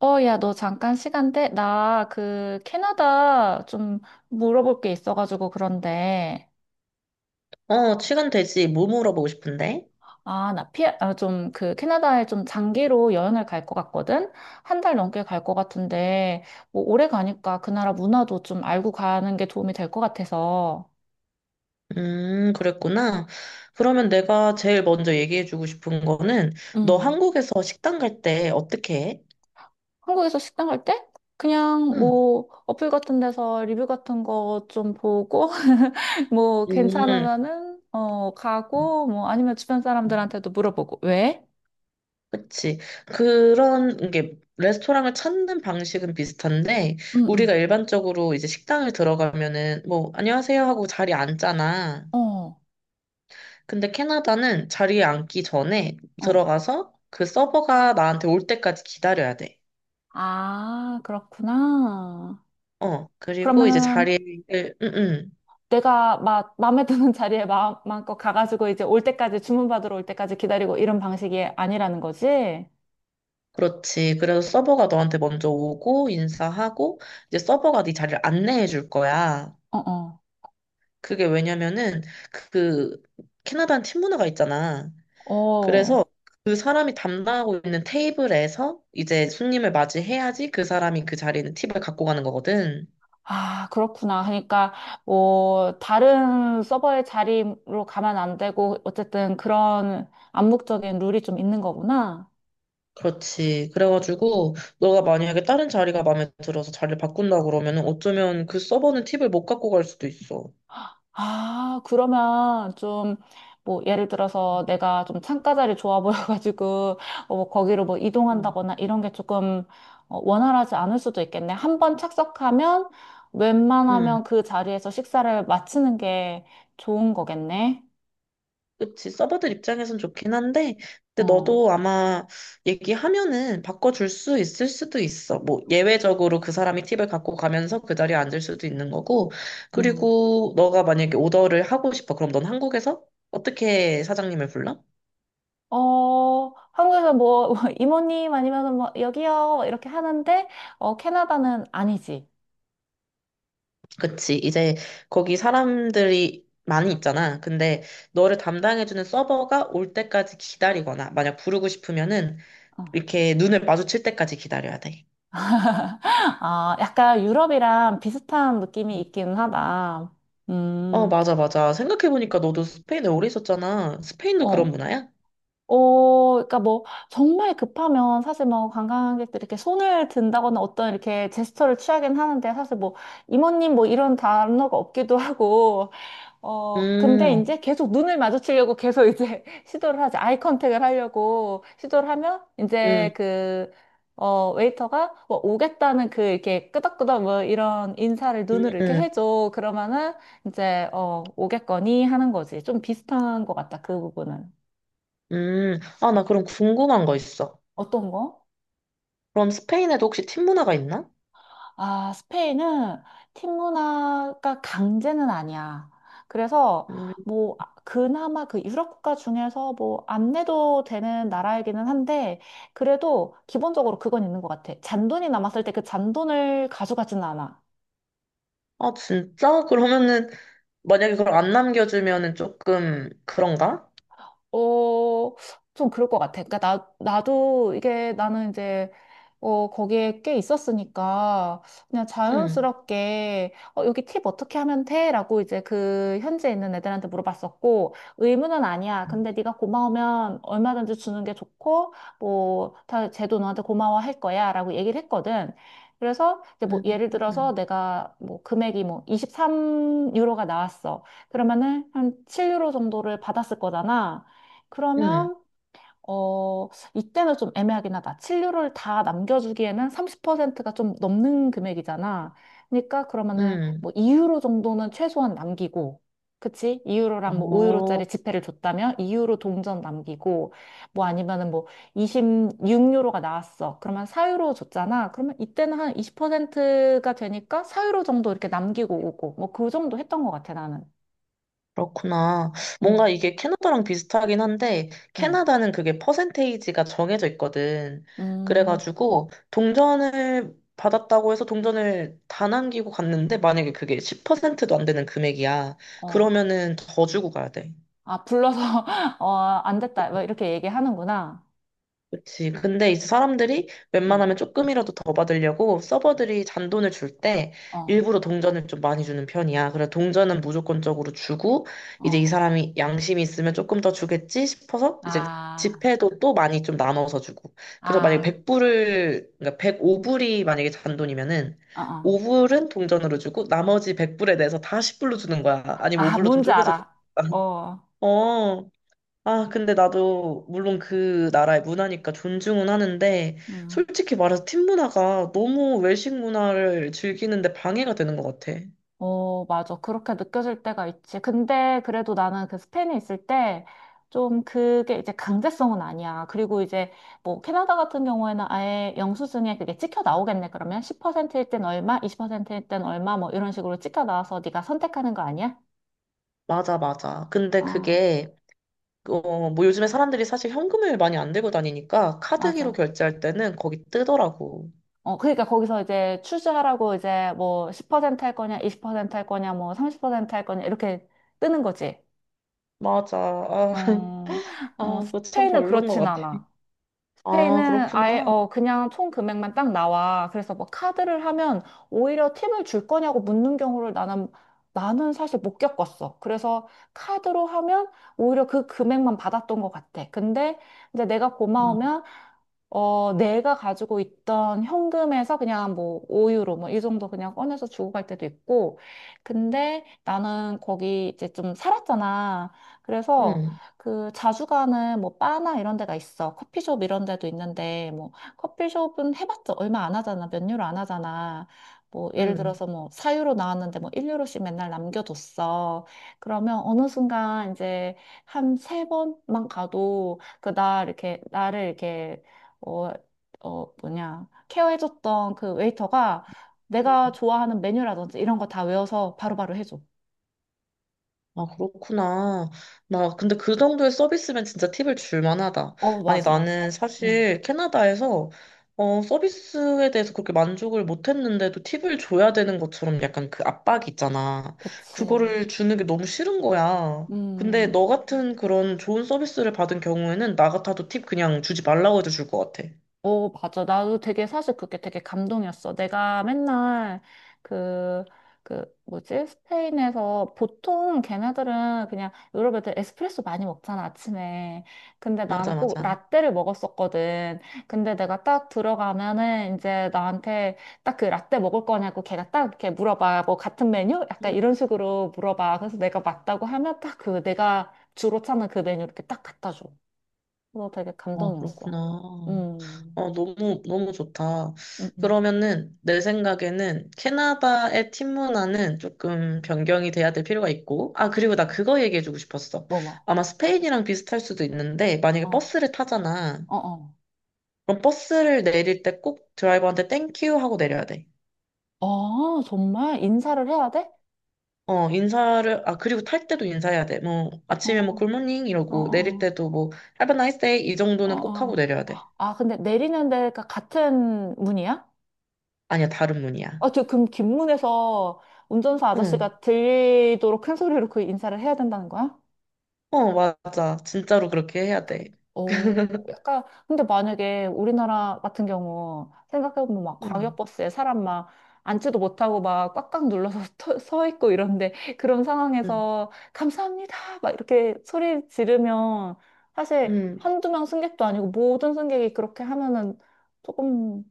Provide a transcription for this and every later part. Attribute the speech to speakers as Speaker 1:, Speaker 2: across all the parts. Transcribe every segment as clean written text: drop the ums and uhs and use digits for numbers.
Speaker 1: 어, 야, 너 잠깐 시간 돼? 나 그 캐나다 좀 물어볼 게 있어가지고 그런데.
Speaker 2: 어, 시간 되지. 뭐 물어보고 싶은데?
Speaker 1: 아, 좀 그 캐나다에 좀 장기로 여행을 갈 것 같거든? 한 달 넘게 갈 것 같은데, 뭐 오래 가니까 그 나라 문화도 좀 알고 가는 게 도움이 될 것 같아서.
Speaker 2: 그랬구나. 그러면 내가 제일 먼저 얘기해주고 싶은 거는, 너
Speaker 1: 음.
Speaker 2: 한국에서 식당 갈 때 어떻게 해?
Speaker 1: 한국에서 식당 갈 때? 그냥
Speaker 2: 응.
Speaker 1: 뭐 어플 같은 데서 리뷰 같은 거 좀 보고 뭐
Speaker 2: 음,
Speaker 1: 괜찮으면은 어 가고 뭐 아니면 주변 사람들한테도 물어보고 왜?
Speaker 2: 그치. 그런 게, 레스토랑을 찾는 방식은 비슷한데,
Speaker 1: 응, 응.
Speaker 2: 우리가 일반적으로 이제 식당을 들어가면은, 뭐, 안녕하세요 하고 자리에 앉잖아.
Speaker 1: 어,
Speaker 2: 근데 캐나다는 자리에 앉기 전에
Speaker 1: 어.
Speaker 2: 들어가서 그 서버가 나한테 올 때까지 기다려야 돼.
Speaker 1: 아, 그렇구나.
Speaker 2: 어, 그리고 이제
Speaker 1: 그러면은
Speaker 2: 자리를, 응, 응.
Speaker 1: 내가 막 마음에 드는 자리에 마음껏 가가지고 이제 올 때까지 주문받으러 올 때까지 기다리고 이런 방식이 아니라는 거지?
Speaker 2: 그렇지. 그래서 서버가 너한테 먼저 오고, 인사하고, 이제 서버가 네 자리를 안내해 줄 거야.
Speaker 1: 어, 어.
Speaker 2: 그게 왜냐면은, 그, 캐나다는 팀 문화가 있잖아.
Speaker 1: 어.
Speaker 2: 그래서 그 사람이 담당하고 있는 테이블에서 이제 손님을 맞이해야지 그 사람이 그 자리에 있는 팁을 갖고 가는 거거든.
Speaker 1: 아, 그렇구나. 그러니까 뭐 다른 서버의 자리로 가면 안 되고 어쨌든 그런 암묵적인 룰이 좀 있는 거구나.
Speaker 2: 그렇지. 그래가지고, 너가 만약에 다른 자리가 마음에 들어서 자리를 바꾼다 그러면은 어쩌면 그 서버는 팁을 못 갖고 갈 수도 있어.
Speaker 1: 아, 그러면 좀, 뭐, 예를 들어서 내가 좀 창가 자리 좋아 보여가지고, 어, 뭐 거기로 뭐
Speaker 2: 음.
Speaker 1: 이동한다거나 이런 게 조금 어, 원활하지 않을 수도 있겠네. 한번 착석하면
Speaker 2: 응.
Speaker 1: 웬만하면 그 자리에서 식사를 마치는 게 좋은 거겠네.
Speaker 2: 그치, 서버들 입장에선 좋긴 한데, 근데
Speaker 1: 어,
Speaker 2: 너도 아마 얘기하면은 바꿔줄 수 있을 수도 있어. 뭐, 예외적으로 그 사람이 팁을 갖고 가면서 그 자리에 앉을 수도 있는 거고,
Speaker 1: 음.
Speaker 2: 그리고 너가 만약에 오더를 하고 싶어. 그럼 넌 한국에서 어떻게 사장님을 불러?
Speaker 1: 어, 한국에서 뭐, 이모님 아니면 뭐, 여기요, 이렇게 하는데, 어, 캐나다는 아니지.
Speaker 2: 그치, 이제 거기 사람들이 많이 있잖아. 근데 너를 담당해주는 서버가 올 때까지 기다리거나, 만약 부르고 싶으면은
Speaker 1: 어.
Speaker 2: 이렇게 눈을 마주칠 때까지 기다려야 돼.
Speaker 1: 아, 약간 유럽이랑 비슷한 느낌이 있기는 하다.
Speaker 2: 어,
Speaker 1: 음,
Speaker 2: 맞아, 맞아. 생각해보니까 너도 스페인에 오래 있었잖아. 스페인도 그런
Speaker 1: 어.
Speaker 2: 문화야?
Speaker 1: 어, 그러니까 뭐, 정말 급하면 사실 뭐, 관광객들이 이렇게 손을 든다거나 어떤 이렇게 제스처를 취하긴 하는데, 사실 뭐, 이모님 뭐 이런 단어가 없기도 하고, 어, 근데
Speaker 2: 음,
Speaker 1: 이제 계속 눈을 마주치려고 계속 이제 시도를 하지. 아이 컨택을 하려고 시도를 하면 이제
Speaker 2: 음,
Speaker 1: 그, 어, 웨이터가 뭐 오겠다는 그 이렇게 끄덕끄덕 뭐 이런 인사를 눈으로 이렇게
Speaker 2: 음,
Speaker 1: 해줘. 그러면은 이제, 어, 오겠거니 하는 거지. 좀 비슷한 것 같다. 그 부분은.
Speaker 2: 아, 나 그럼 궁금한 거 있어.
Speaker 1: 어떤 거?
Speaker 2: 그럼 스페인에도 혹시 팀 문화가 있나?
Speaker 1: 아, 스페인은 팀 문화가 강제는 아니야. 그래서
Speaker 2: 음,
Speaker 1: 뭐 아, 그나마 그 유럽 국가 중에서 뭐 안 내도 되는 나라이기는 한데 그래도 기본적으로 그건 있는 것 같아. 잔돈이 남았을 때 그 잔돈을 가져가지는 않아.
Speaker 2: 아, 진짜? 그러면은, 만약에 그걸 안 남겨주면은 조금 그런가?
Speaker 1: 어, 좀 그럴 것 같아. 그러니까 나도 이게 나는 이제, 어, 거기에 꽤 있었으니까, 그냥
Speaker 2: 음,
Speaker 1: 자연스럽게, 어, 여기 팁 어떻게 하면 돼? 라고 이제 그 현지에 있는 애들한테 물어봤었고, 의무는 아니야. 근데 네가 고마우면 얼마든지 주는 게 좋고, 뭐, 다, 쟤도 너한테 고마워할 거야. 라고 얘기를 했거든. 그래서 이제 뭐
Speaker 2: 음,
Speaker 1: 예를 들어서
Speaker 2: 음,
Speaker 1: 내가 뭐 금액이 뭐 23유로가 나왔어. 그러면은 한 7유로 정도를 받았을 거잖아.
Speaker 2: 음.
Speaker 1: 그러면 어, 이때는 좀 애매하긴 하다. 치료를 다 남겨주기에는 30%가 좀 넘는 금액이잖아. 그러니까 그러면은
Speaker 2: 음.
Speaker 1: 뭐 2유로 정도는 최소한 남기고, 그치? 2유로랑 뭐
Speaker 2: 어,
Speaker 1: 5유로짜리 지폐를 줬다면 2유로 동전 남기고, 뭐 아니면은 뭐 26유로가 나왔어. 그러면 4유로 줬잖아. 그러면 이때는 한 20%가 되니까 4유로 정도 이렇게 남기고 오고, 뭐 그 정도 했던 것 같아, 나는.
Speaker 2: 그렇구나. 뭔가
Speaker 1: 응,
Speaker 2: 이게 캐나다랑 비슷하긴 한데,
Speaker 1: 응,
Speaker 2: 캐나다는 그게 퍼센테이지가 정해져 있거든.
Speaker 1: 음,
Speaker 2: 그래가지고, 동전을 받았다고 해서 동전을 다 남기고 갔는데, 만약에 그게 10%도 안 되는 금액이야.
Speaker 1: 어.
Speaker 2: 그러면은 더 주고 가야 돼.
Speaker 1: 아, 불러서, 어, 안 됐다. 뭐 이렇게 얘기하는구나.
Speaker 2: 그치. 근데 이제 사람들이
Speaker 1: 어,
Speaker 2: 웬만하면 조금이라도 더 받으려고 서버들이 잔돈을 줄 때
Speaker 1: 어,
Speaker 2: 일부러 동전을 좀 많이 주는 편이야. 그래서 동전은 무조건적으로 주고 이제 이
Speaker 1: 어.
Speaker 2: 사람이 양심이 있으면 조금 더 주겠지 싶어서 이제
Speaker 1: 아,
Speaker 2: 지폐도 또 많이 좀 나눠서 주고. 그래서 만약에
Speaker 1: 아,
Speaker 2: 100불을, 그러니까 105불이 만약에 잔돈이면은
Speaker 1: 어, 어.
Speaker 2: 5불은 동전으로 주고 나머지 100불에 대해서 다 10불로 주는 거야. 아니면
Speaker 1: 아,
Speaker 2: 5불로 좀
Speaker 1: 뭔지
Speaker 2: 쪼개서 주는
Speaker 1: 알아.
Speaker 2: 거야.
Speaker 1: 어,
Speaker 2: 어. 아, 근데 나도 물론 그 나라의 문화니까 존중은 하는데
Speaker 1: 음.
Speaker 2: 솔직히 말해서 팀 문화가 너무 외식 문화를 즐기는데 방해가 되는 것 같아.
Speaker 1: 어, 맞아. 그렇게 느껴질 때가 있지. 근데 그래도 나는 그 스페인에 있을 때, 좀 그게 이제 강제성은 아니야. 그리고 이제 뭐 캐나다 같은 경우에는 아예 영수증에 그게 찍혀 나오겠네. 그러면 10%일 땐 얼마, 20%일 땐 얼마 뭐 이런 식으로 찍혀 나와서 네가 선택하는 거 아니야?
Speaker 2: 맞아, 맞아. 근데
Speaker 1: 어,
Speaker 2: 그게 어, 뭐 요즘에 사람들이 사실 현금을 많이 안 들고 다니니까 카드기로
Speaker 1: 맞아.
Speaker 2: 결제할 때는 거기 뜨더라고.
Speaker 1: 어, 그러니까 거기서 이제 추즈하라고 이제 뭐 10%할 거냐, 20%할 거냐, 뭐 30%할 거냐, 이렇게 뜨는 거지.
Speaker 2: 맞아. 아,
Speaker 1: 어, 어,
Speaker 2: 아, 그거 참
Speaker 1: 스페인은
Speaker 2: 별론 것
Speaker 1: 그렇진
Speaker 2: 같아.
Speaker 1: 않아.
Speaker 2: 아,
Speaker 1: 스페인은 아예
Speaker 2: 그렇구나.
Speaker 1: 어 그냥 총 금액만 딱 나와. 그래서 뭐 카드를 하면 오히려 팁을 줄 거냐고 묻는 경우를 나는 사실 못 겪었어. 그래서 카드로 하면 오히려 그 금액만 받았던 것 같아. 근데 이제 내가 고마우면 어 내가 가지고 있던 현금에서 그냥 뭐 5유로 뭐 이 정도 그냥 꺼내서 주고 갈 때도 있고. 근데 나는 거기 이제 좀 살았잖아. 그래서
Speaker 2: 응,
Speaker 1: 그 자주 가는 뭐 바나 이런 데가 있어. 커피숍 이런 데도 있는데 뭐 커피숍은 해봤자 얼마 안 하잖아. 몇 유로 안 하잖아. 뭐 예를
Speaker 2: 응.
Speaker 1: 들어서 뭐 4유로 나왔는데 뭐 1유로씩 맨날 남겨뒀어. 그러면 어느 순간 이제 한 세 번만 가도 그 나 이렇게 나를 이렇게 어, 어 뭐냐 케어해줬던 그 웨이터가 내가 좋아하는 메뉴라든지 이런 거 다 외워서 바로바로 해줘.
Speaker 2: 아, 그렇구나. 나, 근데 그 정도의 서비스면 진짜 팁을 줄 만하다.
Speaker 1: 어
Speaker 2: 아니,
Speaker 1: 맞아 맞아.
Speaker 2: 나는
Speaker 1: 응
Speaker 2: 사실 캐나다에서, 어, 서비스에 대해서 그렇게 만족을 못 했는데도 팁을 줘야 되는 것처럼 약간 그 압박이 있잖아.
Speaker 1: 그치.
Speaker 2: 그거를 주는 게 너무 싫은 거야. 근데 너
Speaker 1: 음.
Speaker 2: 같은 그런 좋은 서비스를 받은 경우에는 나 같아도 팁 그냥 주지 말라고 해도 줄 것 같아.
Speaker 1: 어, 맞아. 나도 되게 사실 그게 되게 감동이었어. 내가 맨날 그, 뭐지? 스페인에서 보통 걔네들은 그냥 유럽 애들 에스프레소 많이 먹잖아, 아침에. 근데
Speaker 2: 맞아,
Speaker 1: 나는 꼭
Speaker 2: 맞아.
Speaker 1: 라떼를 먹었었거든. 근데 내가 딱 들어가면은 이제 나한테 딱 그 라떼 먹을 거냐고 걔가 딱 이렇게 물어봐. 뭐 같은 메뉴? 약간 이런 식으로 물어봐. 그래서 내가 맞다고 하면 딱 그 내가 주로 찾는 그 메뉴 이렇게 딱 갖다 줘. 그거 되게
Speaker 2: 아, 그렇구나.
Speaker 1: 감동이었어. 음.
Speaker 2: 어, 너무, 너무 좋다.
Speaker 1: 응, 응.
Speaker 2: 그러면은, 내 생각에는 캐나다의 팀 문화는 조금 변경이 돼야 될 필요가 있고, 아, 그리고 나 그거 얘기해주고 싶었어.
Speaker 1: 뭐, 뭐.
Speaker 2: 아마 스페인이랑 비슷할 수도 있는데,
Speaker 1: 어,
Speaker 2: 만약에 버스를
Speaker 1: 어,
Speaker 2: 타잖아.
Speaker 1: 어.
Speaker 2: 그럼 버스를 내릴 때 꼭 드라이버한테 땡큐 하고 내려야 돼.
Speaker 1: 어, 정말? 인사를 해야 돼?
Speaker 2: 어, 인사를, 아, 그리고 탈 때도 인사해야 돼. 뭐,
Speaker 1: 어,
Speaker 2: 아침에 뭐 굿모닝
Speaker 1: 어,
Speaker 2: 이러고, 내릴
Speaker 1: 어,
Speaker 2: 때도 뭐, Have a nice day 이
Speaker 1: 어,
Speaker 2: 정도는 꼭 하고
Speaker 1: 어.
Speaker 2: 내려야 돼.
Speaker 1: 아, 근데 내리는 데가 같은 문이야?
Speaker 2: 아니야, 다른 문이야.
Speaker 1: 아, 저, 그럼 긴 문에서 운전사
Speaker 2: 응.
Speaker 1: 아저씨가 들리도록 큰 소리로 그 인사를 해야 된다는 거야?
Speaker 2: 어, 맞아. 진짜로 그렇게 해야 돼.
Speaker 1: 어, 약간, 근데 만약에 우리나라 같은 경우, 생각해보면 막
Speaker 2: 음,
Speaker 1: 광역버스에 사람 막 앉지도 못하고 막 꽉꽉 눌러서 서 있고 이런데, 그런
Speaker 2: 음,
Speaker 1: 상황에서 감사합니다! 막 이렇게 소리 지르면, 사실
Speaker 2: 음.
Speaker 1: 한두 명 승객도 아니고 모든 승객이 그렇게 하면은 조금,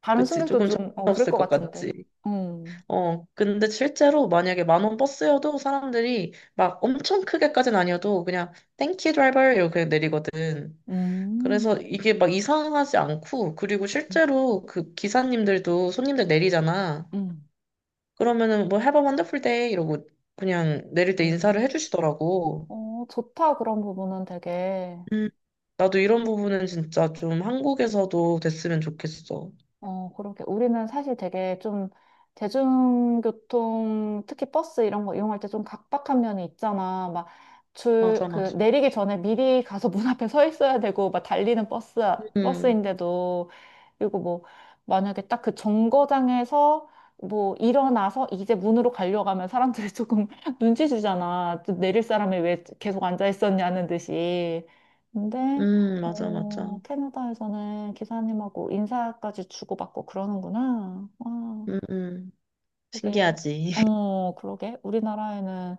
Speaker 1: 다른
Speaker 2: 그치.
Speaker 1: 승객도
Speaker 2: 조금
Speaker 1: 좀, 어, 그럴
Speaker 2: 정신없을
Speaker 1: 것
Speaker 2: 것 같지.
Speaker 1: 같은데. 음,
Speaker 2: 어, 근데 실제로 만약에 만원 버스여도 사람들이 막 엄청 크게까지는 아니어도 그냥 땡큐 드라이버 이렇게 그냥 내리거든. 그래서
Speaker 1: 음,
Speaker 2: 이게 막 이상하지 않고 그리고 실제로 그 기사님들도 손님들 내리잖아.
Speaker 1: 음.
Speaker 2: 그러면은 뭐 Have a wonderful day 이러고 그냥 내릴 때 인사를
Speaker 1: 어,
Speaker 2: 해주시더라고.
Speaker 1: 어, 좋다, 그런 부분은 되게.
Speaker 2: 음, 나도 이런 부분은 진짜 좀 한국에서도 됐으면 좋겠어.
Speaker 1: 어, 그러게. 우리는 사실 되게 좀 대중교통, 특히 버스 이런 거 이용할 때 좀 각박한 면이 있잖아. 막 줄,
Speaker 2: 맞아,
Speaker 1: 그,
Speaker 2: 맞아.
Speaker 1: 내리기 전에 미리 가서 문 앞에 서 있어야 되고, 막 달리는 버스,
Speaker 2: 음.
Speaker 1: 버스인데도. 그리고 뭐 만약에 딱 그 정거장에서 뭐 일어나서 이제 문으로 가려고 하면 사람들이 조금 눈치 주잖아. 또 내릴 사람이 왜 계속 앉아 있었냐는 듯이. 근데
Speaker 2: 맞아,
Speaker 1: 어,
Speaker 2: 맞아.
Speaker 1: 캐나다에서는 기사님하고 인사까지 주고받고 그러는구나. 와,
Speaker 2: 음, 음.
Speaker 1: 되게
Speaker 2: 신기하지.
Speaker 1: 어, 그러게. 우리나라에는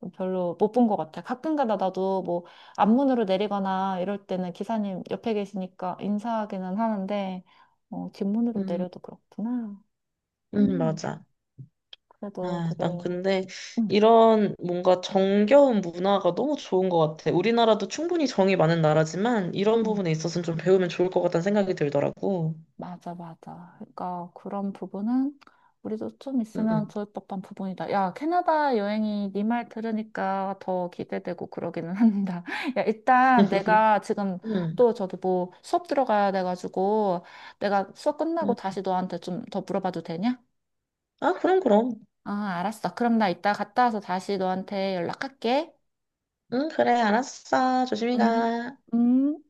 Speaker 1: 좀 별로 못 본 것 같아. 가끔가다 나도 뭐 앞문으로 내리거나 이럴 때는 기사님 옆에 계시니까 인사하기는 하는데 어, 뒷문으로
Speaker 2: 음,
Speaker 1: 내려도 그렇구나. 음,
Speaker 2: 맞아.
Speaker 1: 그래도
Speaker 2: 아,
Speaker 1: 되게
Speaker 2: 난 근데
Speaker 1: 응
Speaker 2: 이런 뭔가 정겨운 문화가 너무 좋은 것 같아. 우리나라도 충분히 정이 많은 나라지만 이런
Speaker 1: 응.
Speaker 2: 부분에 있어서는 좀 배우면 좋을 것 같다는 생각이 들더라고.
Speaker 1: 맞아, 맞아. 그러니까 그런 부분은 우리도 좀 있으면
Speaker 2: 음,
Speaker 1: 좋을 법한 부분이다. 야, 캐나다 여행이 네 말 들으니까 더 기대되고 그러기는 한다. 야, 일단 내가 지금
Speaker 2: 음,
Speaker 1: 또 저기 뭐 수업 들어가야 돼가지고 내가 수업 끝나고
Speaker 2: 음.
Speaker 1: 다시 너한테 좀 더 물어봐도 되냐?
Speaker 2: 아, 그럼, 그럼.
Speaker 1: 아, 알았어. 그럼 나 이따 갔다 와서 다시 너한테 연락할게.
Speaker 2: 응, 그래, 알았어. 조심히
Speaker 1: 응.
Speaker 2: 가.
Speaker 1: 음.